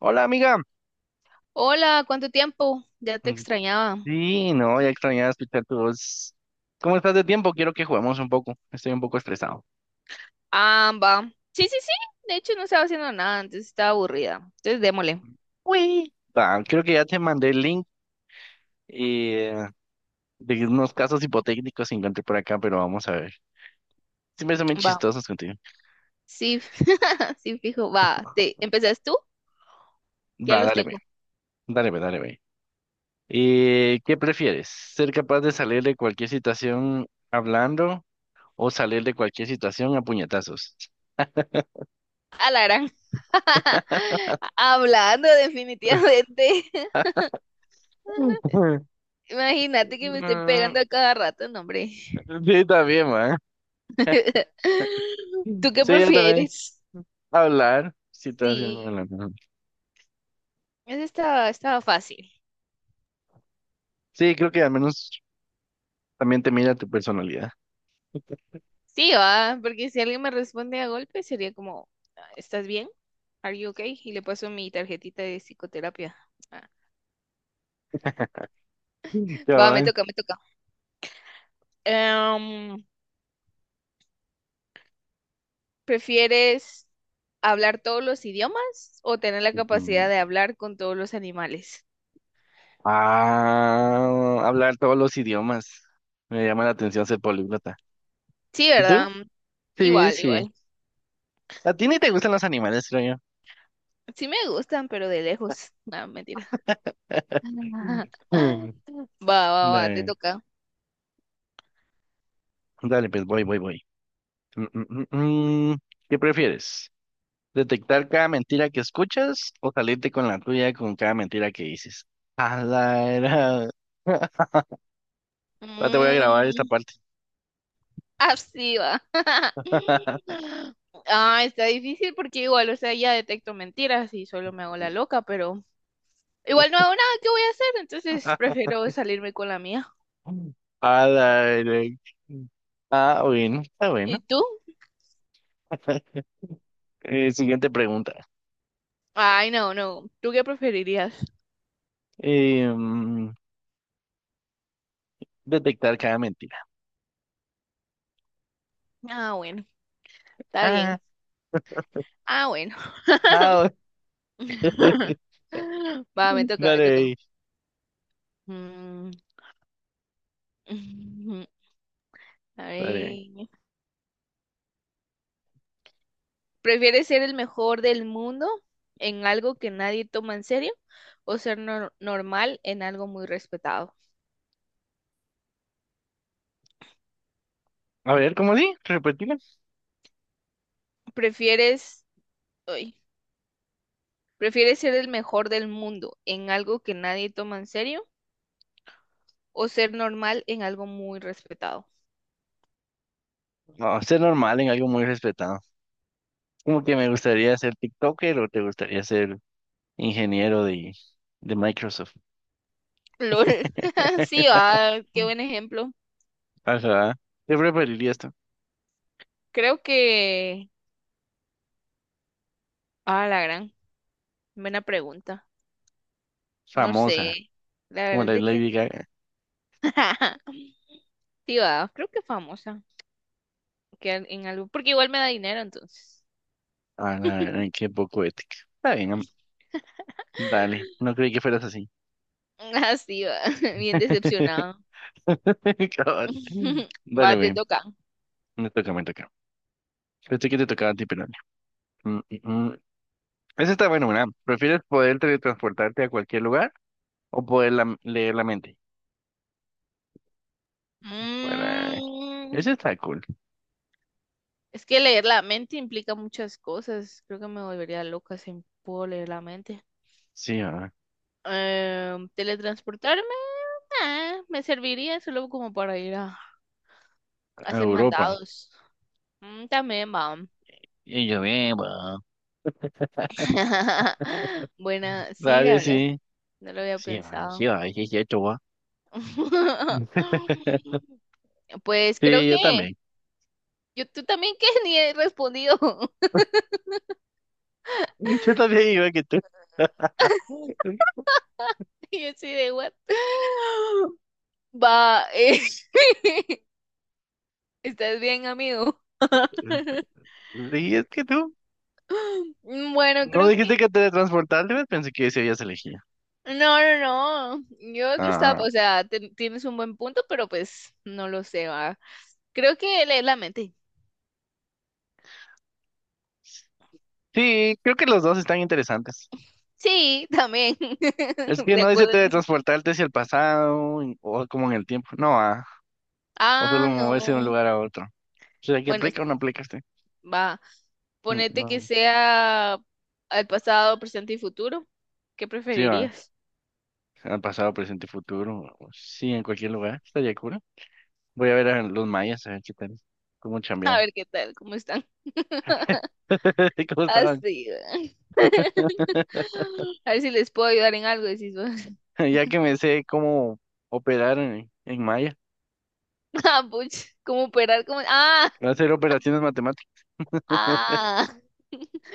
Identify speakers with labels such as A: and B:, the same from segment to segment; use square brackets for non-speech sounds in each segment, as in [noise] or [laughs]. A: Hola, amiga.
B: Hola, ¿cuánto tiempo? Ya te
A: Mm,
B: extrañaba.
A: sí, no, ya extrañaba escuchar tu voz. ¿Cómo estás de tiempo? Quiero que juguemos un poco. Estoy un poco estresado.
B: Ah, va. Sí, sí, sí. De hecho, no estaba haciendo nada, entonces estaba aburrida. Entonces, démosle.
A: Uy. Va, creo que ya te mandé el link eh, de unos casos hipotéticos que encontré por acá, pero vamos a ver. Siempre son bien
B: Va.
A: chistosos contigo.
B: Sí, [laughs] sí, fijo. Va. Te... ¿Empezás tú? Ya
A: Va,
B: los
A: dale, ve.
B: tengo.
A: Dale, ve, dale, ve. ¿Qué prefieres? ¿Ser capaz de salir de cualquier situación hablando o salir de cualquier situación a puñetazos?
B: A la gran. [laughs] Hablando definitivamente.
A: [laughs]
B: [laughs] Imagínate que me estén
A: Mm,
B: pegando a cada rato, no, hombre.
A: sí, también,
B: [laughs] ¿Tú qué
A: sí, yo también.
B: prefieres?
A: Hablar, sí, te hace
B: Sí,
A: hablar.
B: eso estaba, fácil.
A: Sí, creo que al menos también te mira tu personalidad.
B: Sí, va, porque si alguien me responde a golpe sería como, "Ah, ¿estás bien? Are you okay?" Y le paso mi tarjetita de psicoterapia. Ah, va, me
A: Cabal.
B: toca, me toca. Em, ¿Prefieres hablar todos los idiomas o tener la capacidad
A: Ujú.
B: de hablar con todos los animales?
A: Ah, hablar todos los idiomas. Me llama la atención ser políglota.
B: Sí,
A: ¿Y
B: ¿verdad?
A: tú? Sí,
B: Igual,
A: sí.
B: igual.
A: A ti ni te gustan los animales, creo yo.
B: Sí me gustan, pero de lejos. No, mentira.
A: [laughs]
B: [laughs]
A: Mm.
B: Va, va, va, te
A: Dale,
B: toca.
A: dale, pues voy, voy, voy. Mm, mm, mm, mm. ¿Qué prefieres? Detectar cada mentira que escuchas o salirte con la tuya con cada mentira que dices. A la era. [laughs] Ya te voy a grabar esta
B: Mm,
A: parte.
B: ah, sí, va.
A: [laughs]
B: [laughs] Ah, está difícil porque igual, o sea, ya detecto mentiras y solo me hago la loca, pero igual no hago nada que voy a hacer, entonces prefiero salirme con la mía.
A: A la era. Ah, bueno, está bueno.
B: ¿Y tú?
A: [laughs] Siguiente pregunta.
B: Ay, no, no. ¿Tú qué preferirías?
A: Eh, mm, detectar cada mentira.
B: Ah, bueno, está
A: Ah,
B: bien. Ah, bueno.
A: ah, [laughs]
B: [laughs] Va, me toca.
A: dale,
B: Mm, [laughs] a
A: dale.
B: ver. ¿Prefieres ser el mejor del mundo en algo que nadie toma en serio o ser normal en algo muy respetado?
A: A ver, ¿cómo di? ¿Repetirla?
B: ¿Prefieres, ay, prefieres ser el mejor del mundo en algo que nadie toma en serio o ser normal en algo muy respetado?
A: No, ser normal en algo muy respetado. Como que me gustaría ser TikToker o te gustaría ser ingeniero de Microsoft.
B: LOL. [laughs] Sí,
A: [laughs]
B: ah, qué buen ejemplo.
A: Ajá. ¿Qué preferirías tú? [laughs]
B: Creo que... Ah, la gran. Buena pregunta. No sé.
A: Famosa,
B: La
A: como
B: verdad es
A: la
B: de que...
A: Lady Gaga.
B: [laughs] Sí, va. Creo que famosa. Que en algo... Porque igual me da dinero, entonces.
A: Ah, la verdad, qué poco ética. Está bien, am- dale. No creí que fueras así.
B: Así va. [laughs] Bien decepcionado.
A: [laughs] Cabal.
B: [laughs]
A: Dale,
B: Va, te
A: güey.
B: toca.
A: Me toca, me toca. Pensé que te tocaba a ti, pero dale. Mm, mm, mm. Esa está bueno, ¿verdad? ¿Prefieres poder teletransportarte a cualquier lugar o poder leer la mente? Bueno,
B: Mm,
A: ese está cool.
B: es que leer la mente implica muchas cosas. Creo que me volvería loca si puedo leer la mente.
A: Sí, ah,
B: Teletransportarme, me serviría solo como para ir a
A: a
B: hacer
A: Europa.
B: mandados. Mm, también, va.
A: Y yo, bien, va.
B: [laughs] Buena, sí, la
A: Dale,
B: verdad,
A: sí.
B: no lo había
A: Sí, ay, sí,
B: pensado.
A: ay, sí, sí, hecho, guau.
B: [laughs]
A: [laughs]
B: Pues creo
A: Sí,
B: que
A: yo también.
B: yo tú también, que [laughs] ni he respondido.
A: [laughs] Yo también iba que tú.
B: [laughs]
A: [laughs]
B: Y así de what? [gasps] Va, [laughs] ¿Estás bien, amigo? [laughs]
A: Sí, es que tú.
B: Bueno,
A: No
B: creo
A: dijiste
B: que
A: que teletransportarte, ¿ves? Pensé que ese ya se elegía.
B: no, no, no. Yo lo estaba,
A: Ah,
B: o sea, tienes un buen punto, pero pues no lo sé, va. Creo que leer la mente.
A: sí, creo que los dos están interesantes.
B: Sí, también.
A: Es
B: [laughs]
A: que
B: De
A: no dice
B: acuerdo en eso.
A: teletransportarte hacia el pasado y- o como en el tiempo. No, ah, o solo
B: Ah,
A: moverse de un
B: no.
A: lugar a otro. O sea, que
B: Bueno,
A: aplica o no aplica este.
B: va.
A: No,
B: Ponete que
A: no.
B: sea al pasado, presente y futuro. ¿Qué
A: Sí, va.
B: preferirías?
A: Al pasado, presente y futuro. Sí, en cualquier lugar. Estaría cura. Voy a ver a los mayas, a ver qué tal. Cómo
B: [laughs] A
A: chambean.
B: ver qué tal, cómo están. [laughs]
A: [laughs] ¿Cómo estaban?
B: Así, va.
A: [laughs]
B: A ver si les puedo ayudar en algo, decís vos. [laughs]
A: Ya que me sé cómo operar en maya,
B: Ah, puch, ¿cómo operar? ¿Cómo? Ah,
A: hacer operaciones matemáticas.
B: ah, [laughs]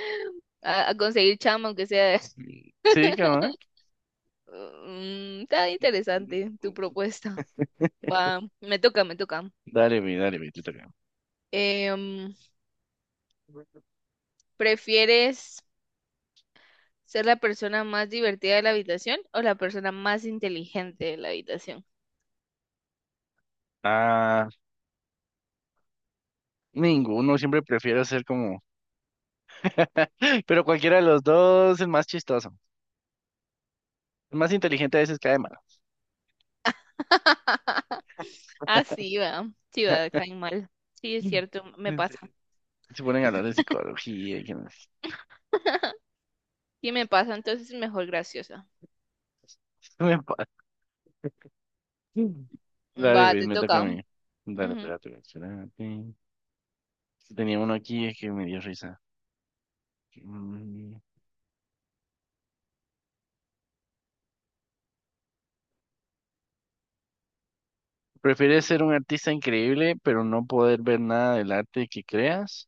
B: a conseguir chamba, aunque sea.
A: Sí, cabrón.
B: Mm, está interesante tu propuesta. Va, me toca.
A: Dale, mi, te toca.
B: Em, ¿Prefieres ser la persona más divertida de la habitación o la persona más inteligente de la habitación?
A: Ah, ninguno, siempre prefiero ser como. [laughs] Pero cualquiera de los dos es más chistoso. El más inteligente a veces cae mal.
B: [laughs] Así va, sí va, caen mal. Sí, es
A: [laughs]
B: cierto, me
A: Sí,
B: pasa.
A: se ponen a hablar de psicología y que no sé.
B: [laughs] Sí me pasa, entonces mejor graciosa.
A: [laughs] Me pa- dale,
B: Va,
A: güey,
B: te
A: me toca a
B: toca.
A: mí. Dale,
B: Ujú.
A: espérate, güey, espérate. Sí, tenía uno aquí es que me dio risa. Mm, ¿Prefieres ser un artista increíble pero no poder ver nada del arte que creas?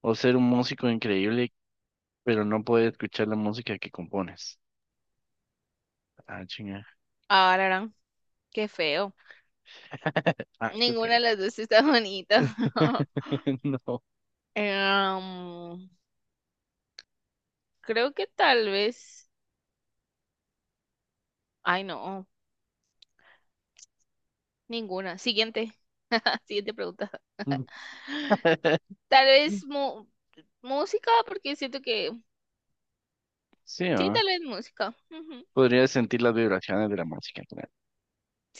A: ¿O ser un músico increíble pero no poder escuchar la música que compones? Ah, chinga.
B: Ahora, qué feo.
A: [laughs] Ah, qué
B: Ninguna de
A: feo.
B: las dos está bonita. [laughs]
A: [laughs] No.
B: Em, creo que tal vez. Ay, no, ninguna. Siguiente. [laughs] Siguiente pregunta. [laughs]
A: [laughs]
B: Tal vez música, porque siento que.
A: Sí,
B: Sí,
A: ¿no?
B: tal vez música. Ujú.
A: Podrías sentir las vibraciones de la música, claro.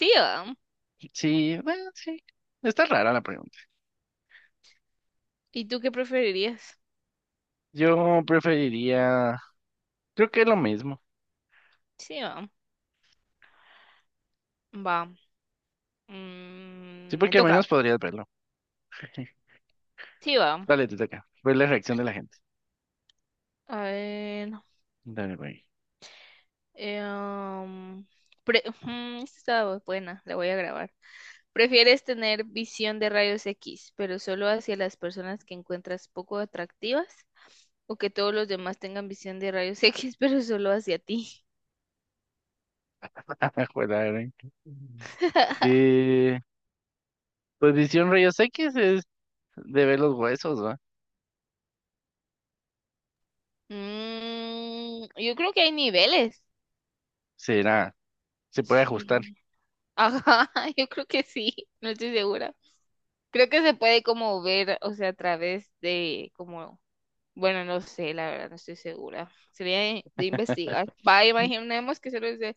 B: Sí, va.
A: Sí, bueno, sí. Está rara la pregunta.
B: ¿Y tú qué preferirías?
A: Yo preferiría, creo que es lo mismo.
B: Sí, va. Va.
A: Sí,
B: Mm, me
A: porque al
B: toca.
A: menos podrías verlo. [laughs]
B: Sí, va.
A: Dale, te toca. Ver la reacción de la gente.
B: A ver.
A: Dale, güey.
B: Eh, um, ujú, esta está buena, la voy a grabar. ¿Prefieres tener visión de rayos X, pero solo hacia las personas que encuentras poco atractivas? ¿O que todos los demás tengan visión de rayos [laughs] X, pero solo hacia ti?
A: [laughs] Ajuela, ¿eh?
B: [laughs]
A: Eh, pues visión rayos X es de ver los huesos, ¿va?
B: Mm, yo creo que hay niveles.
A: Será, se puede ajustar.
B: Sí. Ajá, [laughs] yo creo que sí, no estoy segura. Creo que se puede como ver, o sea, a través de como bueno, no sé, la verdad, no estoy segura. Sería de
A: [laughs]
B: investigar. Va,
A: Yo
B: imaginemos que solo dice.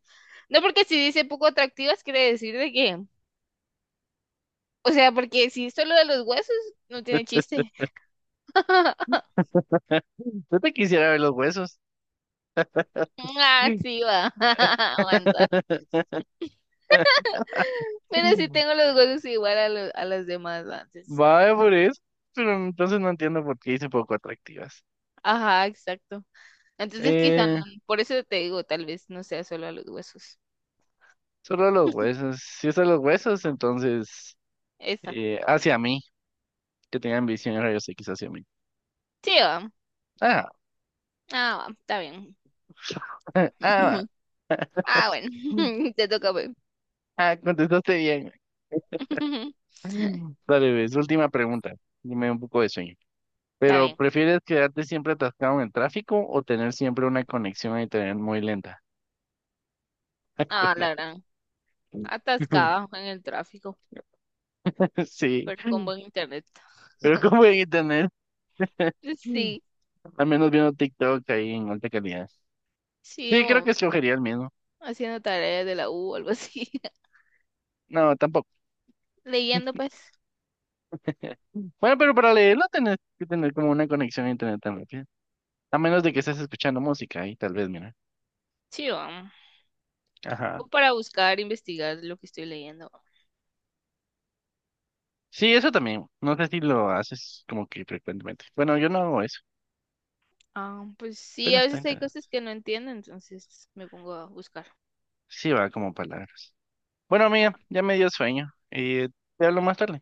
B: No, porque si dice poco atractivas, quiere decir de que. O sea, porque si es solo de los huesos, no tiene chiste. [laughs]
A: te quisiera ver los huesos.
B: Ah,
A: Sí.
B: sí, va. [laughs] Aguanta.
A: [laughs]
B: Pero sí tengo los huesos igual a los, a las demás antes.
A: Vaya por eso. Pero entonces no entiendo por qué hice poco atractivas.
B: Ajá, exacto. Entonces, quizá,
A: Eh,
B: por eso te digo, tal vez no sea solo a los huesos.
A: solo los huesos. Si es a los huesos, entonces
B: Esa.
A: hacia mí, que tengan visión de rayos X hacia mí.
B: Sí, va.
A: Ah,
B: Ah, va, está bien.
A: [laughs] ah,
B: [laughs] Ah, bueno. [laughs] Te toca, pues.
A: ah, contestaste bien.
B: [laughs]
A: Mm. Dale, ves, última pregunta. Dime un poco de sueño.
B: Está
A: Pero,
B: bien.
A: ¿prefieres quedarte siempre atascado en el tráfico o tener siempre una conexión a internet muy lenta? [laughs]
B: Ah, la
A: Acuérdate.
B: gran. Atascada
A: [laughs]
B: en el tráfico,
A: Sí,
B: pero con buen internet.
A: pero cómo en internet,
B: Sí,
A: al menos viendo TikTok ahí en alta calidad.
B: sí,
A: Sí, creo
B: o
A: que escogería el mismo.
B: haciendo tareas de la U o algo así.
A: No, tampoco.
B: [laughs] Leyendo, pues.
A: [laughs] Bueno, pero para leerlo tenés que tener como una conexión a internet tan rápida. A menos de que estés escuchando música ahí, tal vez, mira.
B: Sí,
A: Ajá.
B: o para buscar, investigar lo que estoy leyendo.
A: Sí, eso también. No sé si lo haces como que frecuentemente. Bueno, yo no hago eso.
B: Ah, pues sí,
A: Pero
B: a
A: está
B: veces hay cosas
A: interesante.
B: que no entiendo, entonces me pongo a buscar.
A: Sí, va como palabras. Bueno, amiga,
B: Ajá.
A: ya me dio sueño. Y te hablo más tarde.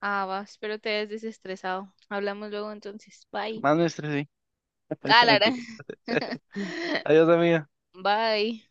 B: Ah, va, espero te hayas desestresado. Hablamos luego, entonces. Bye.
A: Más me estresé. [laughs]
B: Ah,
A: Eso
B: la gran.
A: mentira.
B: [laughs]
A: [laughs] Adiós, amiga.
B: Bye.